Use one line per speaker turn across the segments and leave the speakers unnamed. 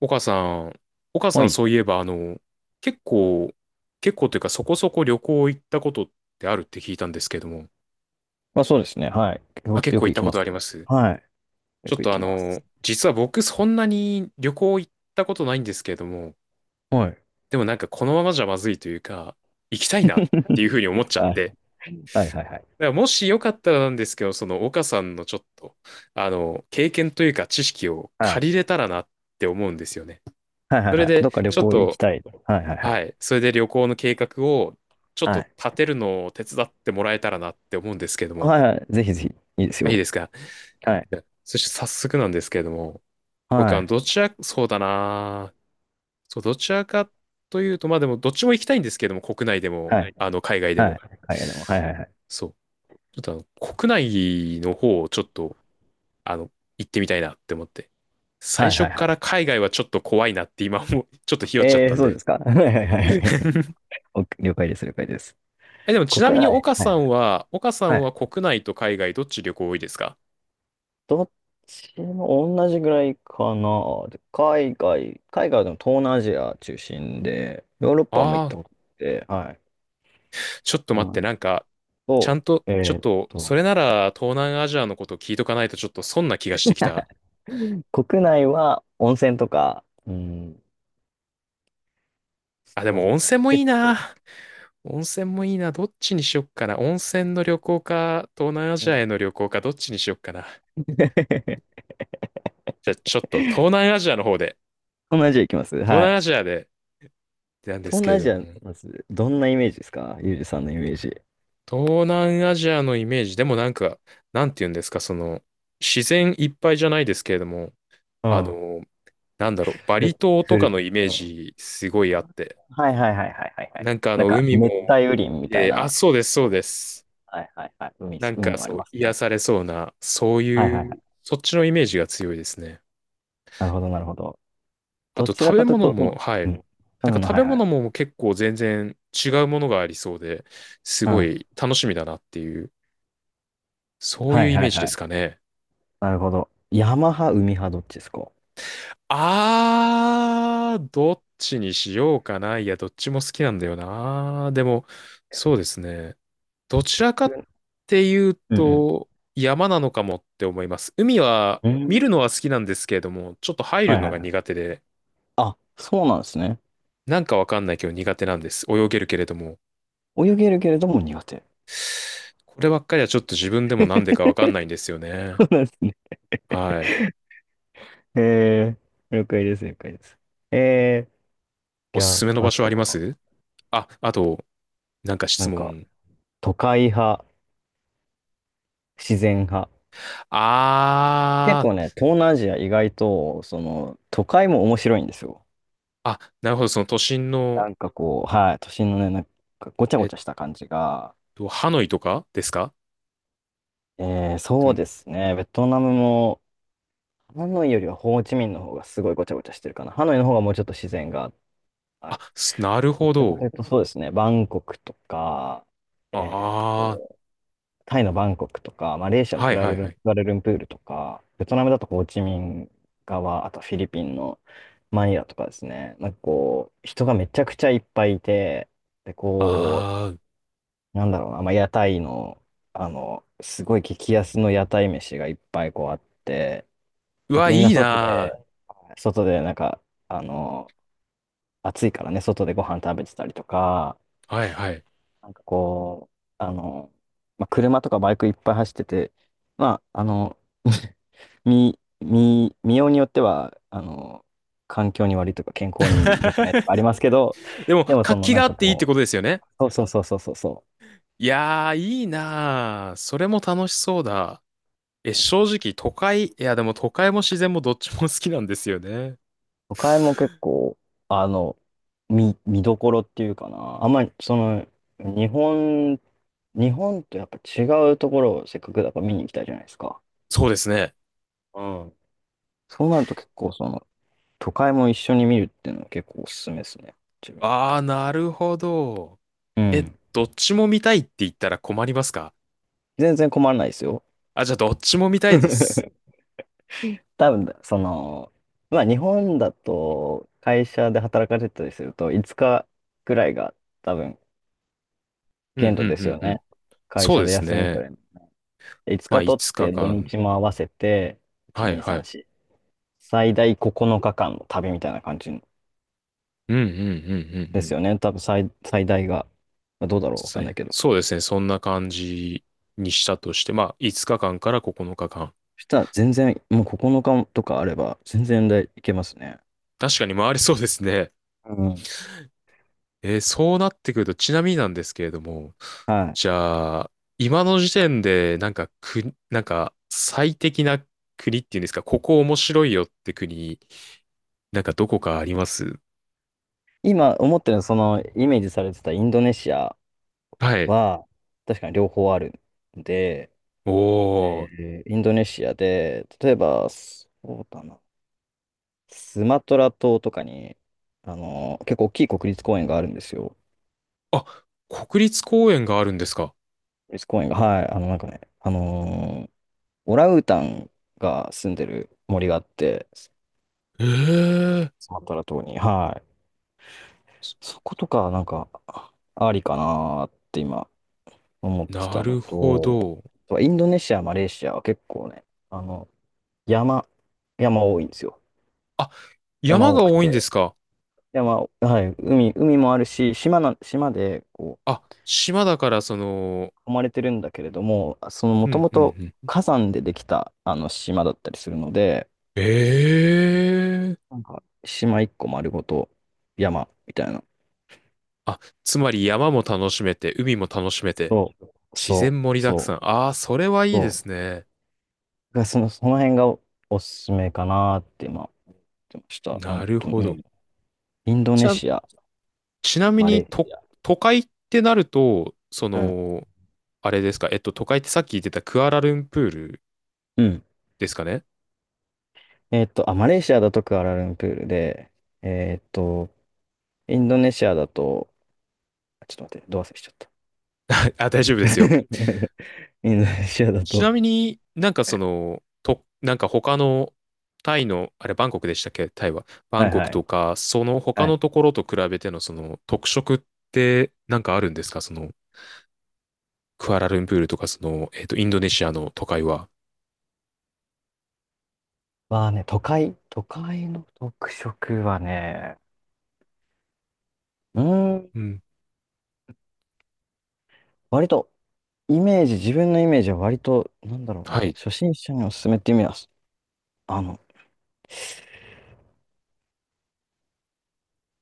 岡さん、岡さ
は
ん
い。
そういえば、結構、結構というかそこそこ旅行行ったことってあるって聞いたんですけども、
まあそうですね。はい。
あ、
よ、
結
よ
構行
く
っ
行
た
き
こ
ま
と
す
あり
よ。
ます。
はい。
ち
よ
ょっ
く行
と
きます。
実は僕そんなに旅行行ったことないんですけれども、
はい。
でもなんかこのままじゃまずいというか、行きたいなっ ていうふうに思っちゃっ
はい。
て、
はいはいはい。
だからもしよかったらなんですけど、その岡さんのちょっと、経験というか知識を
は
借
い。
りれたらなって思うんですよね。
はいはい
それ
はい。
で、
どっか旅
ちょっ
行行き
と、
たい。はいはいは
は
い。
い。それで旅行の計画をちょっ
は
と
い。
立てるのを手伝ってもらえたらなって思うんですけども。
はいはい。ぜひぜひ。いいです
あ、いい
よ。
ですか？
はい。
そして早速なんですけれども、僕
は
は
い。
どちら、そうだな。そう、どちらかというと、まあでもどっちも行きたいんですけども、国内で
は
も、
はい。い。
海外で
はい。
も。
海外でも。はいはいはい。
そう。ちょっと国内の方をちょっと、あの、行ってみたいなって思って。
は
最
いは
初
いは
から
い。
海外はちょっと怖いなって今も、ちょっとひよっちゃったん
そうで
で。
すか。はいはいはい。お了解です。了解です。
え、でもちな
国
み
内。
に岡
は
さ
い
んは、
はい。はい。
国内と海外どっち旅行多いですか？
どっちも同じぐらいかな。で海外でも東南アジア中心で、ヨーロッパも行
あ
っ
あ
たこ
ー、
とあって、はい。
ちょっと待って、なんか、ちゃ
そ
んと、
うな
ちょ
ん
っ
ですと、
と、それなら東南アジアのこと聞いとかないとちょっと損な気がしてきた。
国内は温泉とか、うん、
あ、でも温
そうだ、
泉もいい
結構、
な。温泉もいいな。どっちにしよっかな。温泉の旅行か、東南ア
う
ジア
ん。
への旅行か、どっちにしよっかな。じゃあ、ちょっと
東
東南アジアの方で、
南アジア行きます。
東
は
南
い。
アジアでなんです
東
けれ
南アジ
ど
ア、
も。
まず、どんなイメージですか？ゆうじさんのイメージ。
東南アジアのイメージ、でもなんか、なんて言うんですか、その、自然いっぱいじゃないですけれども、
う
あ
ん。
の、なんだろう、バリ
ふ、
島と
ふ
か
る、
のイメー
うん。
ジすごいあって、
はいはいはいはいはいはい。
なんか
なんか、
海も、
熱帯雨林みたい
あ、
な。
そうです、そうです。
はいはいはい。海、
なん
海
か
もあり
そう、
ます
癒
ね。
されそうな、そう
はいはい
い
は
う、
い。
そっちのイメージが強いですね。
なるほどなるほど。
あ
ど
と
ち
食
ら
べ
かという
物
と、そ
も、
の、
は
う
い。
ん。多
なんか
分の、
食
は
べ
いはい。
物も結構全然違うものがありそうで、す
う
ご
ん。
い楽しみだなっていう、そうい
は
う
い
イ
は
メー
い
ジで
は
す
い。
かね。
なるほど。山派、海派、どっちですか？
あー、どっちにしようかな。いや、どっちも好きなんだよな。でも、そうですね。どちらかっ
く
ていう
うん
と、山なのかもって思います。海は、
うん。う
見
ん。
るのは好きなんですけれども、ちょっと入る
はい
の
はい
が
は
苦
い。
手で、
あ、そうなんですね。
なんかわかんないけど苦手なんです。泳げるけれども。
泳げるけれども苦手。
こればっかりはちょっと自分で
そ
もなんでかわかんないんですよね。
うなんですね。
はい。
え了解です、了解です。えー、
お
じゃ
す
あ、
すめの場
あ
所あ
と
りま
は、
す？あ、あと、なんか
な
質
んか、
問。
都会派、自然派。結
あ
構
ー、
ね、東南アジア意外と、その、都会も面白いんですよ。
あ、なるほど。その都心の、
なんかこう、はい、都心のね、なんかごちゃ
え
ご
っ
ちゃした感じが、
ハノイとかですか？で
そう
も、
ですね、ベトナムも、ハノイよりはホーチミンの方がすごいごちゃごちゃしてるかな。ハノイの方がもうちょっと自然があ
あ、
る。
すなるほど。
そうですね、バンコクとか、えー
あ
と、タイのバンコクとか、マレーシア
あ、
の
はいはいは
ク
い。
アラルンプールとか、ベトナムだとホーチミン側、あとフィリピンのマニラとかですね、なんかこう、人がめちゃくちゃいっぱいいて、で、こう、
ああ、
なんだろうな、まあ、屋台の、あの、すごい激安の屋台飯がいっぱいこうあって、
う
なん
わ、
かみん
い
な
い
外で、
な
外でなんか、あの、暑いからね、外でご飯食べてたりとか、
ー。はいはい。
なんかこう、あの、まあ、車とかバイクいっぱい走ってて、まあ、あの、見ようによっては、あの、環境に悪いとか健康に良くないとかありますけど、
でも、
でもそ
活
の
気
な
が
ん
あ
か
っていいってこ
こ
とですよね。
う、そうそうそうそうそうそ
いやー、いいなー。それも楽しそうだ。え、
う。
正直、都会、いや、でも都会も自然もどっちも好きなんですよね。
都会も結構、あの、見どころっていうかな。あんまり、その、日本、日本とやっぱ違うところをせっかくだから見に行きたいじゃないですか。
そうですね。
うん。そうなると結構、その、都会も一緒に見るっていうのは結構おすすめですね。自分。
ああ、なるほど。
う
え、
ん。
どっちも見たいって言ったら困りますか？
全然困らないですよ。
あ、じゃあ、どっちも見たいです。
多分、その、まあ日本だと会社で働かれてたりすると5日くらいが多分
うん、う
限
ん、う
度です
ん、
よ
う
ね。
ん。
会
そう
社
で
で
す
休み
ね。
5
まあ、
日取っ
5
て土
日間。
日も合わせて、1、
はい、
2、3、
は
4、
い。
最大9日間の旅みたいな感じ
うん、うん、うん、うん、う
です
ん。
よね。多分最大が、まあどうだろう、わ
そ
かんない
う
けど。そ
そうですね。そんな感じにしたとして、まあ、5日間かんから9日間。
したら全然、もう9日とかあれば、全然でいけますね。
確かに回りそうですね。
うん。
そうなってくると、ちなみになんですけれども、
はい。
じゃあ、今の時点で、なんか、なんか、最適な国っていうんですか、ここ面白いよって国、なんかどこかあります？
今思ってるのはその、イメージされてたインドネシア
はい。
は、確かに両方あるんで、
おー。
インドネシアで、例えば、そうだな、スマトラ島とかに、あの、結構大きい国立公園があるんですよ。
あ、国立公園があるんですか？
国立公園が、はい、あの、なんかね、オランウータンが住んでる森があって、
ええ、
スマトラ島に、はい。そことか、なんか、ありかなーって今、思って
な
たの
るほ
と、
ど。
インドネシア、マレーシアは結構ね、あの、山、山多いんですよ。
あ、
山
山
多
が
く
多いんで
て、
すか？
はい、海もあるし、島で、こ
あ、島だからその、
う、囲まれてるんだけれども、その、も
う
と
ん
も
う
と
んうん。
火山でできた、あの、島だったりするので、
ええ
なんか、島一個丸ごと山みたいな。
あ、つまり山も楽しめて、海も楽しめて、
そう、
自
そ
然盛り
う、
だく
そ
さん。
う、
ああ、それはいいで
そ
すね。
う。がその辺がおすすめかなって今、言ってました。
なるほ
う
ど。
ん。インド
じ
ネ
ゃあ、
シア、
ちなみ
マレ
に、
ーシア。
都会ってなると、
うん。
あれですか、都会ってさっき言ってたクアラルンプール
うん。
ですかね？
あ、マレーシアだとクアラルンプールで、えっと、インドネシアだと、あちょっと待って、どう忘れしちゃった。
あ、大丈夫で すよ。
インドネシアだ
ち
と、
なみになんか
はい
なんか他のタイの、あれバンコクでしたっけ、タイは。バンコク
はい。
とか、その他
は
の
い。
ところと比べてのその特色ってなんかあるんですか？その、クアラルンプールとかその、インドネシアの都会は。
都会の特色はね、うーん、
うん。
割とイメージ、自分のイメージは割と、なんだろう
は
な、
い。
初心者におすすめっていう意味は、あの、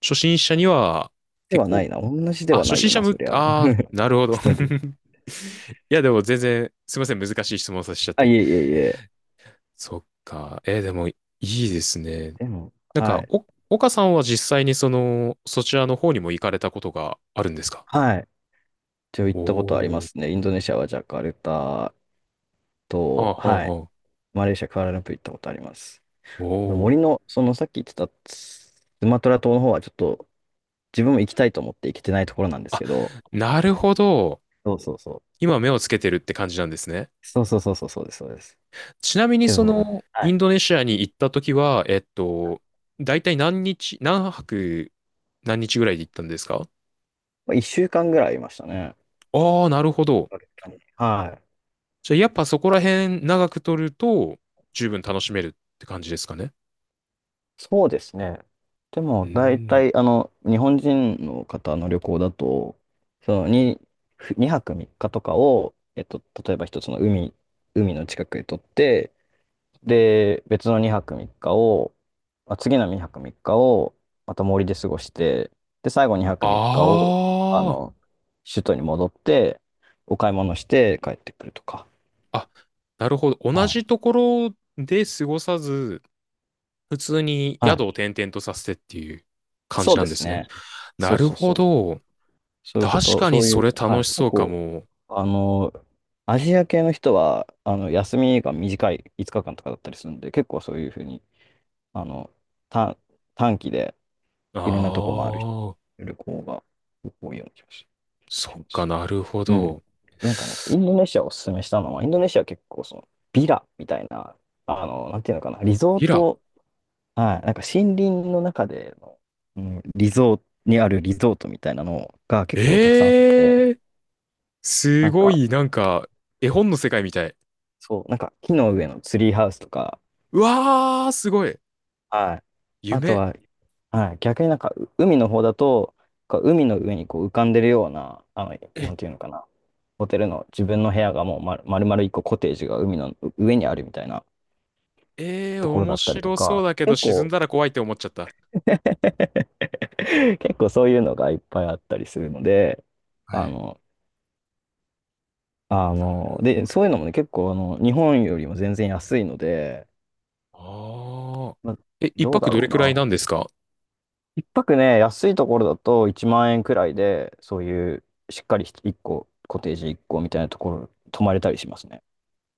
初心者には
で
結
はな
構、
いな、同じで
あ、
は
初
ない
心
よ
者
な、
向
そ
け、
りゃ。
ああ、なるほ ど。
ちょ
い
っと待って。
や、でも全然、すいません、難しい質問させちゃっ
あ、い
て。
えいえいえ。
そっか。でもいいですね。
でも、
なん
は
か、
い。
岡さんは実際にその、そちらの方にも行かれたことがあるんですか？
はい。一応行
お
ったことありま
ー。
すね。インドネシアはジャカルタ
ああ、あ
と、はい。
あ、ああ
マレーシア、クアラルンプー行ったことあります。
お
森
ー。
の、そのさっき言ってたスマトラ島の方はちょっと自分も行きたいと思って行けてないところなんです
あ、
けど、
なるほど。
そうそうそう。
今目をつけてるって感じなんですね。
そうそうそうそう、そうです、そうです。
ちなみに
けど
そ
ね、
の、
は
イ
い。
ンドネシアに行った時は、大体何日、何泊、何日ぐらいで行ったんですか？
まあ、1週間ぐらいいましたね。
ああ、なるほど。
はい。
じゃあ、やっぱそこら辺長く取ると、十分楽しめるって感じですかね。
そうですね。で
う
も、大
ーん。
体、あの、日本人の方の旅行だと、その2、ふ泊3日とかを、例えば一つの海の近くへ取って、で、別の2泊3日を、まあ、次の2泊3日を、また森で過ごして、で、最後2泊
あ
3日を、あ
あ。
の、首都に戻って、お買い物して帰ってくるとか。
あ、なるほど。同
はい。
じところで過ごさず、普通に
は
宿を
い。
転々とさせてっていう感じ
そう
な
で
んで
す
すね。
ね。
な
そう
る
そう
ほ
そう。
ど。
そういうこ
確
と、
か
そ
に
うい
そ
う、
れ
は
楽
い、
し
結
そうか
構、
も。
あの、アジア系の人は、あの、休みが短い5日間とかだったりするんで、結構そういうふうに、あの、短、短期で
あ
いろんなとこ回る人
あ、
旅行が多いような気がし
そ
し
っ
ま
か
す。
なるほ
うん。
ど。
なんかね、インドネシアをおすすめしたのは、インドネシアは結構その、ビラみたいな、あの、なんていうのかな、リゾー
ビラ。
ト、はい、なんか森林の中での、うん、リゾートにあるリゾートみたいなのが結構たくさんあって、
ええ、す
なん
ご
か、
い、なんか、絵本の世界みたい。
そう、なんか木の上のツリーハウスとか、
うわー、すごい。
はい。あと
夢。
は、はい、逆になんか海の方だと、こう海の上にこう浮かんでるような、あの、な
え、
んていうのかな、ホテルの自分の部屋がもう丸々一個コテージが海の上にあるみたいなところだ
面
ったりと
白そう
か、
だけど
結
沈ん
構、
だら怖いって思っちゃった。
結構そういうのがいっぱいあったりするので、
は
あ
い。
の、
なるほ
で、そういうの
ど。
もね、結構あの、日本よりも全然安いので、
ああ。
まあ、
え、一
どうだ
泊ど
ろ
れ
う
くらい
な。
なんですか？
一泊ね、安いところだと1万円くらいで、そういうしっかり1個、コテージ1個みたいなところ、泊まれたりしますね。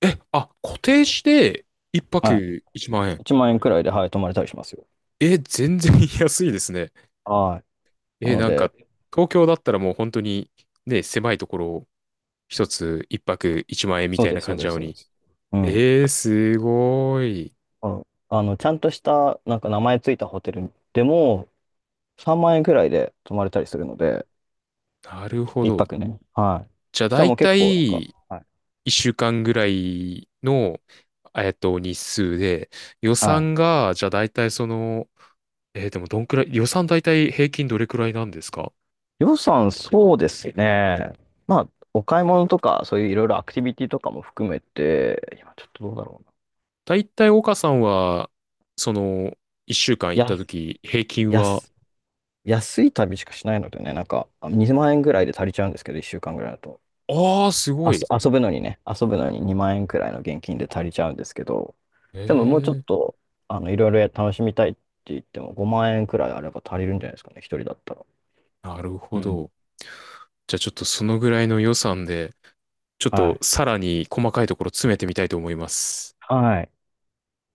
え、あ、固定して一
はい。
泊1万円。
1万円くらいで、はい、泊まれたりしますよ。
え、全然 安いですね。
はい。な
え、
の
なん
で、
か、東京だったらもう本当にね、狭いところを一つ一泊1万円み
そ
た
う
い
で
な
す、そ
感
う
じ
で
な
す、
の
そうで
に。
す。うん。
えー、すごい。
あのちゃんとした、なんか名前ついたホテルでも、3万円くらいで泊まれたりするので、
なるほ
一
ど。
泊ね。は
じゃあ
い。したら
大
もう結
体
構、なんか、はい。
1週間ぐらいの、日数で、予
は
算
い。
が、じゃあ大体でもどんくらい、予算大体平均どれくらいなんですか？
予算、そうですね。まあ、お買い物とか、そういういろいろアクティビティとかも含めて、今ちょっとどうだろうな。
大体岡さんは、その、一週間行った
や、
時、平均
や
は、
す安い旅しかしないのでね、なんか2万円ぐらいで足りちゃうんですけど、1週間ぐらいだと。
ああ、すごい。
遊ぶのに2万円くらいの現金で足りちゃうんですけど、
え
でももうちょっ
え、
と、あの、いろいろ楽しみたいって言っても5万円くらいあれば足りるんじゃないですかね、一人だったら。
なる
う
ほ
ん。
ど。じゃあちょっとそのぐらいの予算で、ちょっ
は
と
い。
さらに細かいところ詰めてみたいと思います。
はい。